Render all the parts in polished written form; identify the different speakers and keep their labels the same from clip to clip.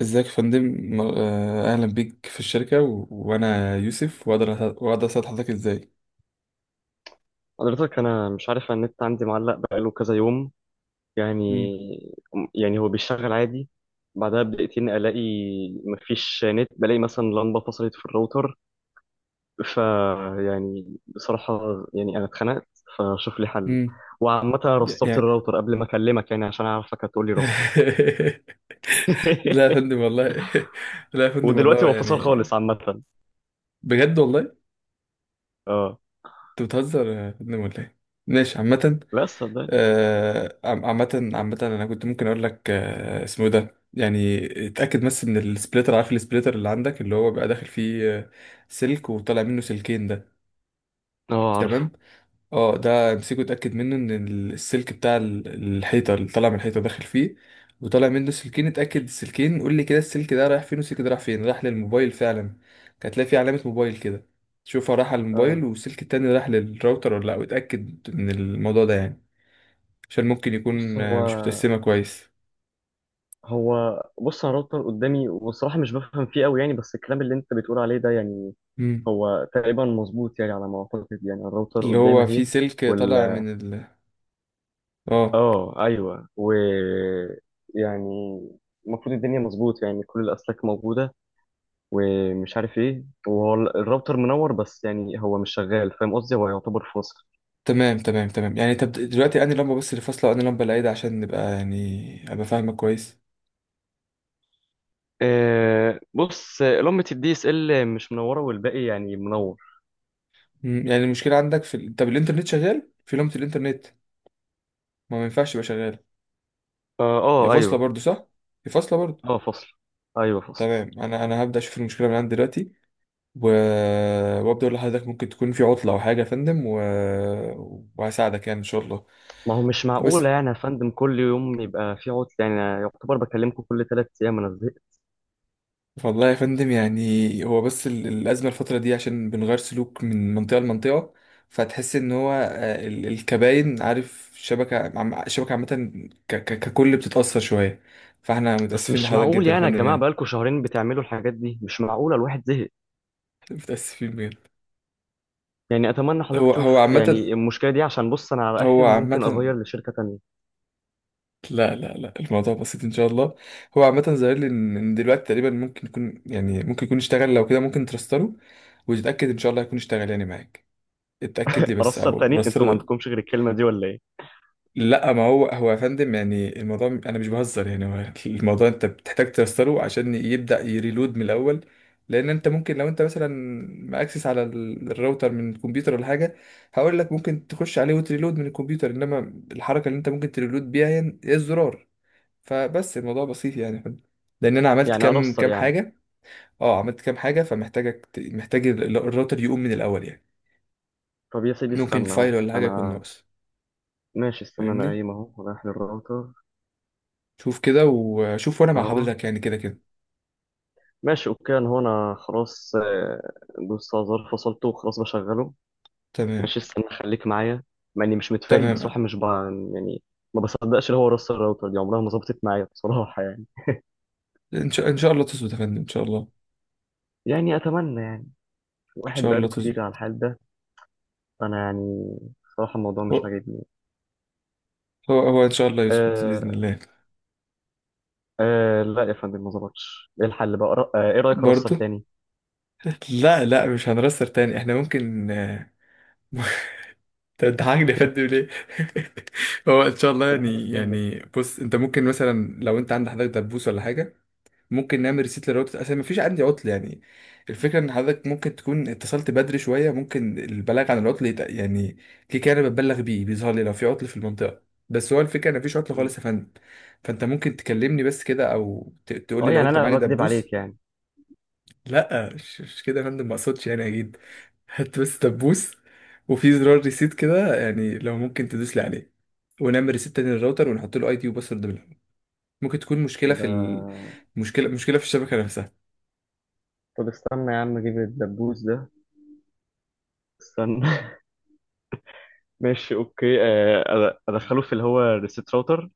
Speaker 1: ازيك يا فندم؟ اهلا بيك في الشركه وانا يوسف، واقدر اساعد حضرتك ازاي؟
Speaker 2: حضرتك انا مش عارف النت عندي معلق بقاله كذا يوم. يعني
Speaker 1: مم.
Speaker 2: يعني هو بيشتغل عادي، بعدها بدقيقتين الاقي مفيش نت، بلاقي مثلا لمبه فصلت في الراوتر. ف يعني بصراحه يعني انا اتخنقت، فشوف لي حل.
Speaker 1: مم.
Speaker 2: وعامه رسترت
Speaker 1: يعني.
Speaker 2: الراوتر قبل ما اكلمك يعني عشان اعرفك هتقول لي رستر.
Speaker 1: لا يا فندم والله. لا يا فندم
Speaker 2: ودلوقتي
Speaker 1: والله
Speaker 2: هو فصل
Speaker 1: يعني.
Speaker 2: خالص عامه.
Speaker 1: بجد والله.
Speaker 2: اه،
Speaker 1: انت بتهزر يا فندم ولا ايه؟ ماشي عامه.
Speaker 2: لا صدقني.
Speaker 1: عامه انا كنت ممكن اقول لك، اسمه إيه ده يعني. اتاكد بس من السبليتر، عارف السبليتر اللي عندك، اللي هو بقى داخل فيه سلك وطالع منه سلكين ده.
Speaker 2: اه، عارفه.
Speaker 1: تمام. اه ده امسكه، اتاكد منه ان السلك بتاع الحيطه، اللي طالع من الحيطه داخل فيه وطالع منه سلكين. اتاكد السلكين، قول لي كده، السلك ده رايح فين والسلك ده رايح فين، راح للموبايل فعلا؟ كانت هتلاقي فيه علامه موبايل كده، تشوفها راح على
Speaker 2: اه،
Speaker 1: الموبايل والسلك التاني راح للراوتر ولا لا، واتاكد من الموضوع ده يعني. عشان ممكن
Speaker 2: بص
Speaker 1: يكون
Speaker 2: هو
Speaker 1: مش متقسمه كويس.
Speaker 2: هو بص انا راوتر قدامي، والصراحه مش بفهم فيه قوي يعني، بس الكلام اللي انت بتقول عليه ده يعني
Speaker 1: امم.
Speaker 2: هو تقريبا مظبوط يعني، على ما اعتقد يعني الراوتر
Speaker 1: اللي
Speaker 2: قدامي
Speaker 1: هو فيه
Speaker 2: اهي.
Speaker 1: سلك طالع
Speaker 2: وال
Speaker 1: من ال، اه.
Speaker 2: اه ايوه، يعني المفروض الدنيا مظبوط يعني كل الاسلاك موجوده، ومش عارف ايه، وهو الراوتر منور، بس يعني هو مش شغال، فاهم قصدي؟ هو يعتبر فاصل.
Speaker 1: تمام تمام. يعني طب دلوقتي انهي لمبه بس اللي فاصله، وانهي لمبه اللي عايده، عشان نبقى يعني ابقى فاهمك كويس.
Speaker 2: أه، بص، لمبة الدي اس ال مش منوره، والباقي يعني منور.
Speaker 1: مم، يعني المشكلة عندك في طب الإنترنت شغال؟ في لمبة الإنترنت ما ينفعش يبقى شغال.
Speaker 2: اه.
Speaker 1: هي
Speaker 2: آه،
Speaker 1: فاصلة
Speaker 2: ايوه.
Speaker 1: برضو صح؟ هي فاصلة برضو.
Speaker 2: اه، فاصل. ايوه، فاصل.
Speaker 1: تمام، أنا هبدأ أشوف المشكلة من عندي دلوقتي، و... وأبدأ أقول لحضرتك ممكن تكون في عطلة أو حاجة يا فندم، وهساعدك يعني إن شاء الله.
Speaker 2: ما هو مش معقولة
Speaker 1: بس،
Speaker 2: يعني يا فندم، كل يوم يبقى في عطل، يعني أنا يعتبر بكلمكم كل 3 أيام، أنا زهقت.
Speaker 1: والله يا فندم يعني هو بس الأزمة الفترة دي عشان بنغير سلوك من منطقة لمنطقة، فتحس إن هو الكباين، عارف الشبكة الشبكة عامة ككل بتتأثر شوية. فاحنا
Speaker 2: بس
Speaker 1: متأسفين
Speaker 2: مش
Speaker 1: لحضرتك
Speaker 2: معقول
Speaker 1: جدا يا
Speaker 2: يعني يا
Speaker 1: فندم
Speaker 2: جماعة،
Speaker 1: يعني.
Speaker 2: بقالكم شهرين بتعملوا الحاجات دي، مش معقولة، الواحد زهق.
Speaker 1: متأسفين بجد.
Speaker 2: يعني أتمنى حضرتك
Speaker 1: هو
Speaker 2: تشوف
Speaker 1: عامة،
Speaker 2: يعني المشكلة دي، عشان بص، أنا على
Speaker 1: هو
Speaker 2: آخري ممكن
Speaker 1: عامة،
Speaker 2: أغير لشركة تانية.
Speaker 1: لا لا لا، الموضوع بسيط إن شاء الله. هو عامة ظاهر لي إن دلوقتي تقريبا ممكن يكون، يعني ممكن يكون اشتغل. لو كده ممكن ترستله وتتأكد إن شاء الله يكون اشتغل يعني معاك. اتأكد لي بس
Speaker 2: أرستر
Speaker 1: أو
Speaker 2: تاني؟ أنتوا ما
Speaker 1: رستله.
Speaker 2: عندكمش غير الكلمة دي ولا إيه؟
Speaker 1: لا، ما هو هو يا فندم يعني الموضوع انا مش بهزر يعني هو الموضوع. انت بتحتاج ترستره عشان يبدا يريلود من الاول. لان انت ممكن، لو انت مثلا ماكسس على الراوتر من الكمبيوتر ولا حاجه، هقول لك ممكن تخش عليه وتريلود من الكمبيوتر، انما الحركه اللي انت ممكن تريلود بيها هي هي الزرار. فبس الموضوع بسيط يعني يا فندم. لان انا عملت
Speaker 2: يعني
Speaker 1: كام
Speaker 2: أرستر
Speaker 1: كام
Speaker 2: يعني.
Speaker 1: حاجه. اه عملت كام حاجه فمحتاجك محتاج الراوتر يقوم من الاول يعني.
Speaker 2: طب يا سيدي
Speaker 1: ممكن
Speaker 2: استنى أهو،
Speaker 1: فايل ولا حاجه يكون
Speaker 2: أنا...
Speaker 1: ناقص.
Speaker 2: ماشي استنى، أنا
Speaker 1: فاهمني؟
Speaker 2: قايم أهو رايح للراوتر.
Speaker 1: شوف كده وشوف وانا مع
Speaker 2: أهو.
Speaker 1: حضرتك يعني، كده كده.
Speaker 2: ماشي أوكي، أنا خلاص. دوست على زر فصلته، وخلاص بشغله.
Speaker 1: تمام.
Speaker 2: ماشي استنى، خليك معايا. مع اني مش متفائل
Speaker 1: تمام.
Speaker 2: بصراحه، مش ب... يعني، ما بصدقش اللي هو راس الراوتر دي عمرها ما ظبطت معايا بصراحه يعني.
Speaker 1: إن شاء الله تظبط يا فندم، إن شاء الله إن
Speaker 2: يعني اتمنى يعني، واحد
Speaker 1: شاء الله
Speaker 2: بقاله كتير
Speaker 1: تظبط.
Speaker 2: على الحال ده. انا يعني بصراحه الموضوع مش
Speaker 1: هو
Speaker 2: عاجبني.
Speaker 1: هو هو إن شاء الله يظبط بإذن
Speaker 2: آه.
Speaker 1: الله.
Speaker 2: آه، لا يا فندم ما ظبطش، ايه الحل بقى؟ ايه رايك اراستر
Speaker 1: برضه.
Speaker 2: تاني؟
Speaker 1: لا لا، مش هنرسر تاني، إحنا ممكن انت بتضحكني يا فندم ليه؟ هو ان شاء الله
Speaker 2: بضحكك
Speaker 1: يعني.
Speaker 2: فين ده؟
Speaker 1: يعني بص انت ممكن مثلا، لو انت عندك حضرتك دبوس ولا حاجه، ممكن نعمل ريسيت لراوتر. اصلا مفيش عندي عطل يعني. الفكره ان حضرتك ممكن تكون اتصلت بدري شويه، ممكن البلاغ عن العطل يعني كده كده انا بتبلغ بيه بيظهر لي لو في عطل في المنطقه. بس هو الفكره ان مفيش عطل
Speaker 2: مم.
Speaker 1: خالص يا فندم. فانت ممكن تكلمني بس كده، او تقول لي
Speaker 2: اه،
Speaker 1: لو
Speaker 2: يعني
Speaker 1: انت
Speaker 2: انا
Speaker 1: معاك
Speaker 2: بكذب
Speaker 1: دبوس.
Speaker 2: عليك يعني؟
Speaker 1: لا مش كده يا فندم، ما اقصدش يعني، اكيد. هات بس دبوس، وفي زرار ريسيت كده، يعني لو ممكن تدوس لي عليه ونعمل ريسيت تاني للراوتر، ونحط له اي دي وباسورد بالهم. ممكن تكون مشكله
Speaker 2: ده.
Speaker 1: في ال، مشكله في الشبكه نفسها.
Speaker 2: طب استنى يا عم اجيب الدبوس ده. استنى. ماشي اوكي. ادخله في اللي هو الريسيت راوتر.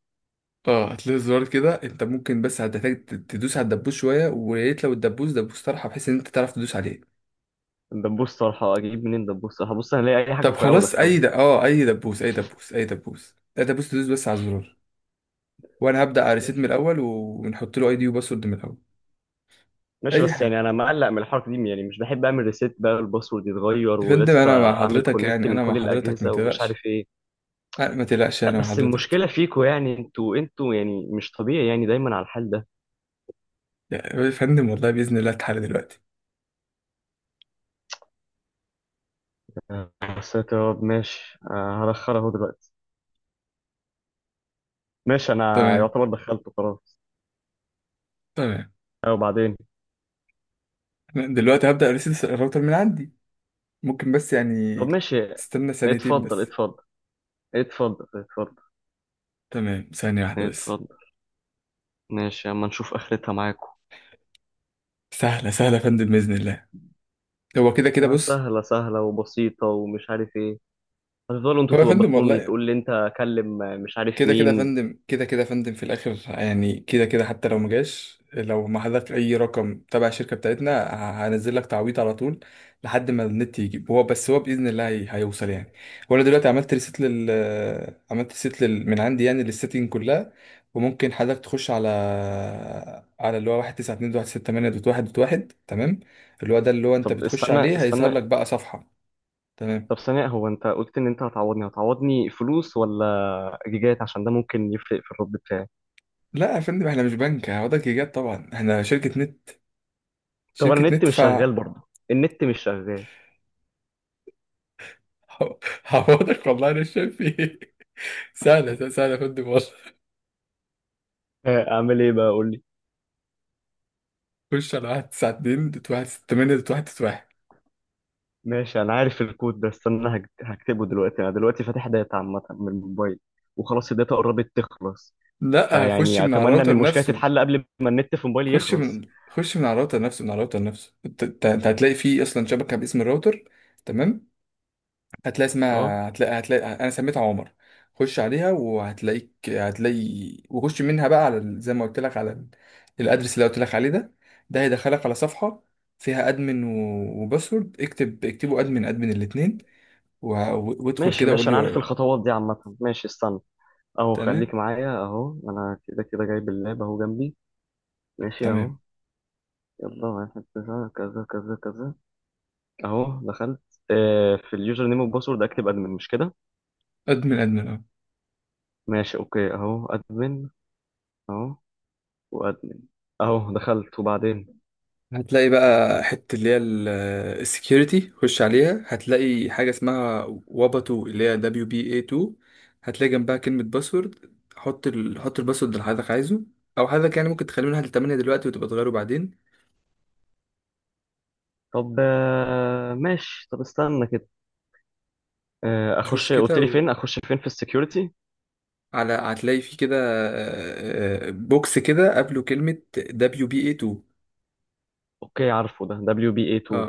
Speaker 1: اه هتلاقي الزرار كده، انت ممكن بس هتحتاج تدوس على الدبوس شويه، ويا ريت لو الدبوس دبوس طرحه بحيث ان انت تعرف تدوس عليه.
Speaker 2: الدبوس صراحة أجيب منين دبوس؟ صراحة بص هنلاقي أي حاجة
Speaker 1: طب
Speaker 2: رفيعة
Speaker 1: خلاص اي
Speaker 2: وأدخلها.
Speaker 1: د... اه اي دبوس، تدوس بس على الزرار، وانا هبدا على ريسيت من
Speaker 2: ماشي،
Speaker 1: الاول ونحط له اي دي وباسورد من الاول.
Speaker 2: ماشي،
Speaker 1: اي
Speaker 2: بس يعني
Speaker 1: حاجه
Speaker 2: أنا مقلق من الحركة دي، يعني مش بحب أعمل ريسيت، بقى الباسورد يتغير
Speaker 1: يا فندم،
Speaker 2: ولسه
Speaker 1: انا مع
Speaker 2: أعمل
Speaker 1: حضرتك
Speaker 2: كونكت
Speaker 1: يعني،
Speaker 2: من
Speaker 1: انا مع
Speaker 2: كل
Speaker 1: حضرتك، ما
Speaker 2: الأجهزة ومش عارف
Speaker 1: تقلقش.
Speaker 2: إيه.
Speaker 1: أه، ما تقلقش
Speaker 2: لا،
Speaker 1: انا مع
Speaker 2: بس
Speaker 1: حضرتك.
Speaker 2: المشكلة فيكوا يعني، أنتوا يعني مش طبيعي، يعني دايما على الحال ده.
Speaker 1: يا فندم والله باذن الله اتحل دلوقتي.
Speaker 2: يا ساتر يا رب، ماشي. هدخلها اهو دلوقتي. ماشي، أنا
Speaker 1: تمام.
Speaker 2: يعتبر دخلته خلاص.
Speaker 1: تمام.
Speaker 2: أه، وبعدين؟
Speaker 1: أنا دلوقتي هبدا ريسيت الراوتر من عندي. ممكن بس يعني
Speaker 2: طب ماشي.
Speaker 1: تستنى ثانيتين
Speaker 2: اتفضل،
Speaker 1: بس.
Speaker 2: اتفضل. اتفضل، اتفضل.
Speaker 1: تمام، ثانية واحدة بس.
Speaker 2: اتفضل. ماشي، أما نشوف آخرتها معاكم.
Speaker 1: سهلة سهلة يا فندم بإذن الله. هو كده كده
Speaker 2: آه،
Speaker 1: بص.
Speaker 2: سهلة سهلة وبسيطة ومش عارف ايه. هتفضلوا انتوا
Speaker 1: هو يا فندم
Speaker 2: توبخوني،
Speaker 1: والله
Speaker 2: تقول لي انت كلم مش عارف
Speaker 1: كده كده يا
Speaker 2: مين.
Speaker 1: فندم، كده كده يا فندم في الآخر يعني، كده كده حتى لو ما جاش، لو ما حضرتك أي رقم تبع الشركة بتاعتنا، هنزل لك تعويض على طول لحد ما النت يجيب. هو بس هو بإذن الله هيوصل يعني. وأنا دلوقتي عملت ريست لل، من عندي يعني للسيتنج كلها. وممكن حضرتك تخش على، على اللي هو 192.168.1.1. تمام. اللي هو ده اللي هو أنت
Speaker 2: طب
Speaker 1: بتخش
Speaker 2: استنى،
Speaker 1: عليه، هيظهر
Speaker 2: استنى.
Speaker 1: لك بقى صفحة. تمام.
Speaker 2: طب ثانية، هو انت قلت ان انت هتعوضني فلوس ولا جيجات، عشان ده ممكن يفرق في الرد بتاعي.
Speaker 1: لا يا فندم، احنا مش بنك هعوضك ايجار، طبعا احنا شركة نت،
Speaker 2: طب انا
Speaker 1: شركة
Speaker 2: النت
Speaker 1: نت
Speaker 2: مش
Speaker 1: ف
Speaker 2: شغال برضه. النت مش شغال.
Speaker 1: هعوضك والله انا شايف ايه. سهلة سهلة يا فندم والله.
Speaker 2: اعمل ايه بقى؟ قول لي.
Speaker 1: خش على 192.168.1.91.
Speaker 2: ماشي انا عارف الكود ده، استنى هكتبه دلوقتي. انا دلوقتي فاتح داتا عامة من الموبايل، وخلاص الداتا قربت تخلص،
Speaker 1: لا خش
Speaker 2: فيعني
Speaker 1: من على
Speaker 2: اتمنى ان
Speaker 1: الراوتر
Speaker 2: المشكلة
Speaker 1: نفسه.
Speaker 2: تتحل قبل ما النت في موبايلي
Speaker 1: خش
Speaker 2: يخلص.
Speaker 1: من خش من على الراوتر نفسه، من على الراوتر نفسه. انت هتلاقي فيه اصلا شبكة باسم الراوتر. تمام. هتلاقي
Speaker 2: اه.
Speaker 1: اسمها، هتلاقي انا سميتها عمر. خش عليها وهتلاقيك، هتلاقي وخش منها بقى على زي ما قلت لك على الادرس اللي قلت لك عليه ده. ده هيدخلك على صفحه فيها ادمن وباسورد. اكتب اكتبوا ادمن ادمن الاثنين، وادخل
Speaker 2: ماشي
Speaker 1: كده وقول
Speaker 2: ماشي
Speaker 1: لي
Speaker 2: انا عارف الخطوات دي عامة، ماشي استنى. اهو،
Speaker 1: تمام.
Speaker 2: خليك معايا. اهو انا كده كده جايب اللاب اهو جنبي. ماشي اهو.
Speaker 1: تمام.
Speaker 2: يلا، واحد كذا كذا كذا كذا. اهو دخلت. في اليوزر نيم والباسورد اكتب ادمن، مش كده؟
Speaker 1: ادمن ادمن، اه.
Speaker 2: ماشي اوكي، اهو ادمن. اهو. وادمن. اهو دخلت، وبعدين؟
Speaker 1: هتلاقي بقى حتة اللي هي السكيورتي، خش عليها، هتلاقي حاجة اسمها واباتو اللي هي دبليو بي اي 2. هتلاقي جنبها كلمة باسورد، حط حط الباسورد اللي حضرتك عايزه، او حضرتك يعني ممكن تخليه من 1 ل 8 دلوقتي وتبقى تغيره بعدين.
Speaker 2: طب استنى كده.
Speaker 1: تشوف
Speaker 2: اخش
Speaker 1: كده
Speaker 2: قلت لي فين، اخش فين في السكيورتي؟
Speaker 1: على، هتلاقي في كده بوكس كده قبله كلمة دبليو بي اي 2.
Speaker 2: اوكي عارفه، ده دبليو بي اي
Speaker 1: اه.
Speaker 2: 2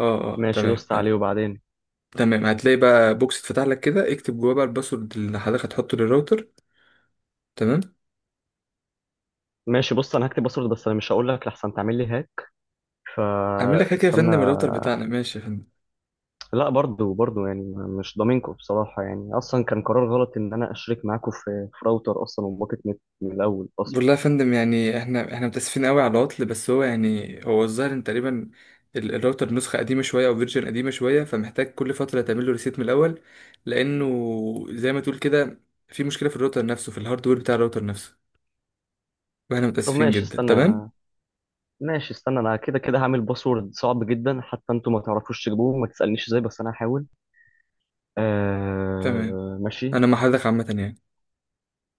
Speaker 1: اه. اه
Speaker 2: ماشي
Speaker 1: تمام
Speaker 2: دوست عليه، وبعدين؟
Speaker 1: تمام هتلاقي بقى بوكس اتفتح لك كده، اكتب جواه بقى الباسورد اللي حضرتك هتحطه للراوتر. تمام.
Speaker 2: ماشي بص، انا هكتب باسورد، بس انا مش هقول لك لحسن تعمل لي هاك،
Speaker 1: اعمل لك حكايه يا
Speaker 2: فاستنى.
Speaker 1: فندم؟ الراوتر بتاعنا ماشي يا فندم.
Speaker 2: لا، برضو برضو يعني مش ضامنكم بصراحة، يعني أصلا كان قرار غلط إن أنا أشرك معاكم في راوتر أصلا، وباكت نت من الأول أصلا.
Speaker 1: بقول لها يا فندم يعني احنا متاسفين قوي على العطل، بس هو يعني هو الظاهر ان تقريبا الراوتر نسخه قديمه شويه او فيرجن قديمه شويه، فمحتاج كل فتره تعمل له ريسيت من الاول. لانه زي ما تقول كده في مشكله في الراوتر نفسه، في الهاردوير بتاع الراوتر نفسه. واحنا
Speaker 2: طب
Speaker 1: متاسفين
Speaker 2: ماشي
Speaker 1: جدا. تمام.
Speaker 2: استنى. ماشي استنى، أنا كده كده هعمل باسورد صعب جدا، حتى أنتوا ما تعرفوش تجيبوه، ما تسألنيش إزاي، بس أنا هحاول.
Speaker 1: تمام
Speaker 2: ماشي.
Speaker 1: انا مع حضرتك عامه يعني.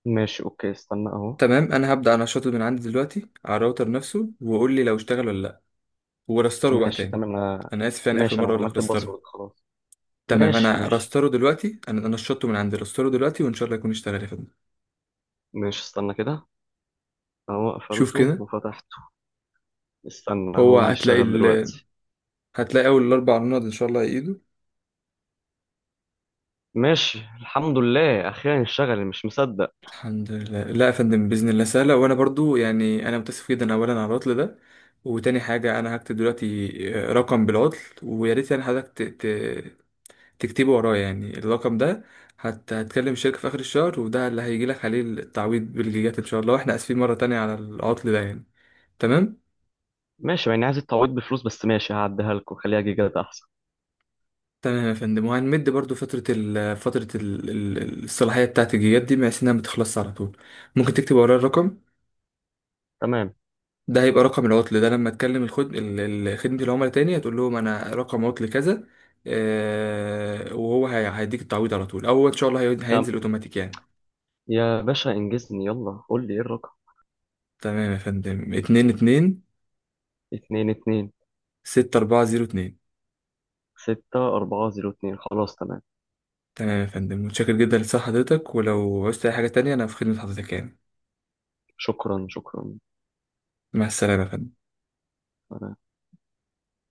Speaker 2: ماشي أوكي، استنى أهو.
Speaker 1: تمام، انا هبدا انشطه من عندي دلوقتي على الراوتر نفسه، وقول لي لو اشتغل ولا لا، ورستره بقى
Speaker 2: ماشي
Speaker 1: تاني.
Speaker 2: تمام، أنا...
Speaker 1: انا اسف يعني اخر
Speaker 2: ماشي،
Speaker 1: مره
Speaker 2: أنا
Speaker 1: اقول لك
Speaker 2: عملت
Speaker 1: رستره.
Speaker 2: الباسورد خلاص.
Speaker 1: تمام
Speaker 2: ماشي،
Speaker 1: انا
Speaker 2: ماشي.
Speaker 1: رستره دلوقتي، انا شطه من عندي، رستره دلوقتي، وان شاء الله يكون اشتغل يا فندم.
Speaker 2: ماشي استنى كده. أهو
Speaker 1: شوف
Speaker 2: قفلته
Speaker 1: كده.
Speaker 2: وفتحته. استنى،
Speaker 1: هو
Speaker 2: هو
Speaker 1: هتلاقي
Speaker 2: بيشتغل دلوقتي.
Speaker 1: هتلاقي اول الاربع نقط ان شاء الله ايده.
Speaker 2: ماشي، الحمد لله، اخيرا اشتغل، مش مصدق.
Speaker 1: الحمد لله. لا يا فندم باذن الله سهله. وانا برضو يعني انا متاسف جدا اولا على العطل ده، وتاني حاجه انا هكتب دلوقتي رقم بالعطل، ويا ريت يعني حضرتك ت... ت... تكتبه ورايا يعني الرقم ده. هتكلم الشركه في اخر الشهر وده اللي هيجي لك عليه التعويض بالجيجات ان شاء الله. واحنا اسفين مره تانية على العطل ده يعني. تمام.
Speaker 2: ماشي، يعني عايز التعويض بفلوس، بس ماشي هعديها لكم، خليها جيجات احسن.
Speaker 1: تمام يا فندم، وهنمد برضو فترة ال، الصلاحية بتاعت الجيجات دي بحيث إنها متخلصش على طول. ممكن تكتب ورايا الرقم؟
Speaker 2: تمام،
Speaker 1: ده هيبقى رقم العطل، ده لما تكلم الخد خدمة العملاء تاني هتقول لهم أنا رقم عطل كذا، آه وهو هيديك التعويض على طول، أو إن شاء الله هينزل
Speaker 2: تمام.
Speaker 1: أوتوماتيك يعني.
Speaker 2: يا باشا انجزني، يلا قول لي ايه الرقم؟
Speaker 1: تمام يا فندم، اتنين
Speaker 2: اتنين اتنين
Speaker 1: ستة أربعة زيرو اتنين.
Speaker 2: ستة أربعة زيرو اتنين خلاص تمام.
Speaker 1: تمام يا فندم، متشكر جدا لصحة حضرتك، ولو عوزت أي حاجة تانية أنا في خدمة حضرتك يعني.
Speaker 2: شكرا، شكرا.
Speaker 1: مع السلامة يا فندم.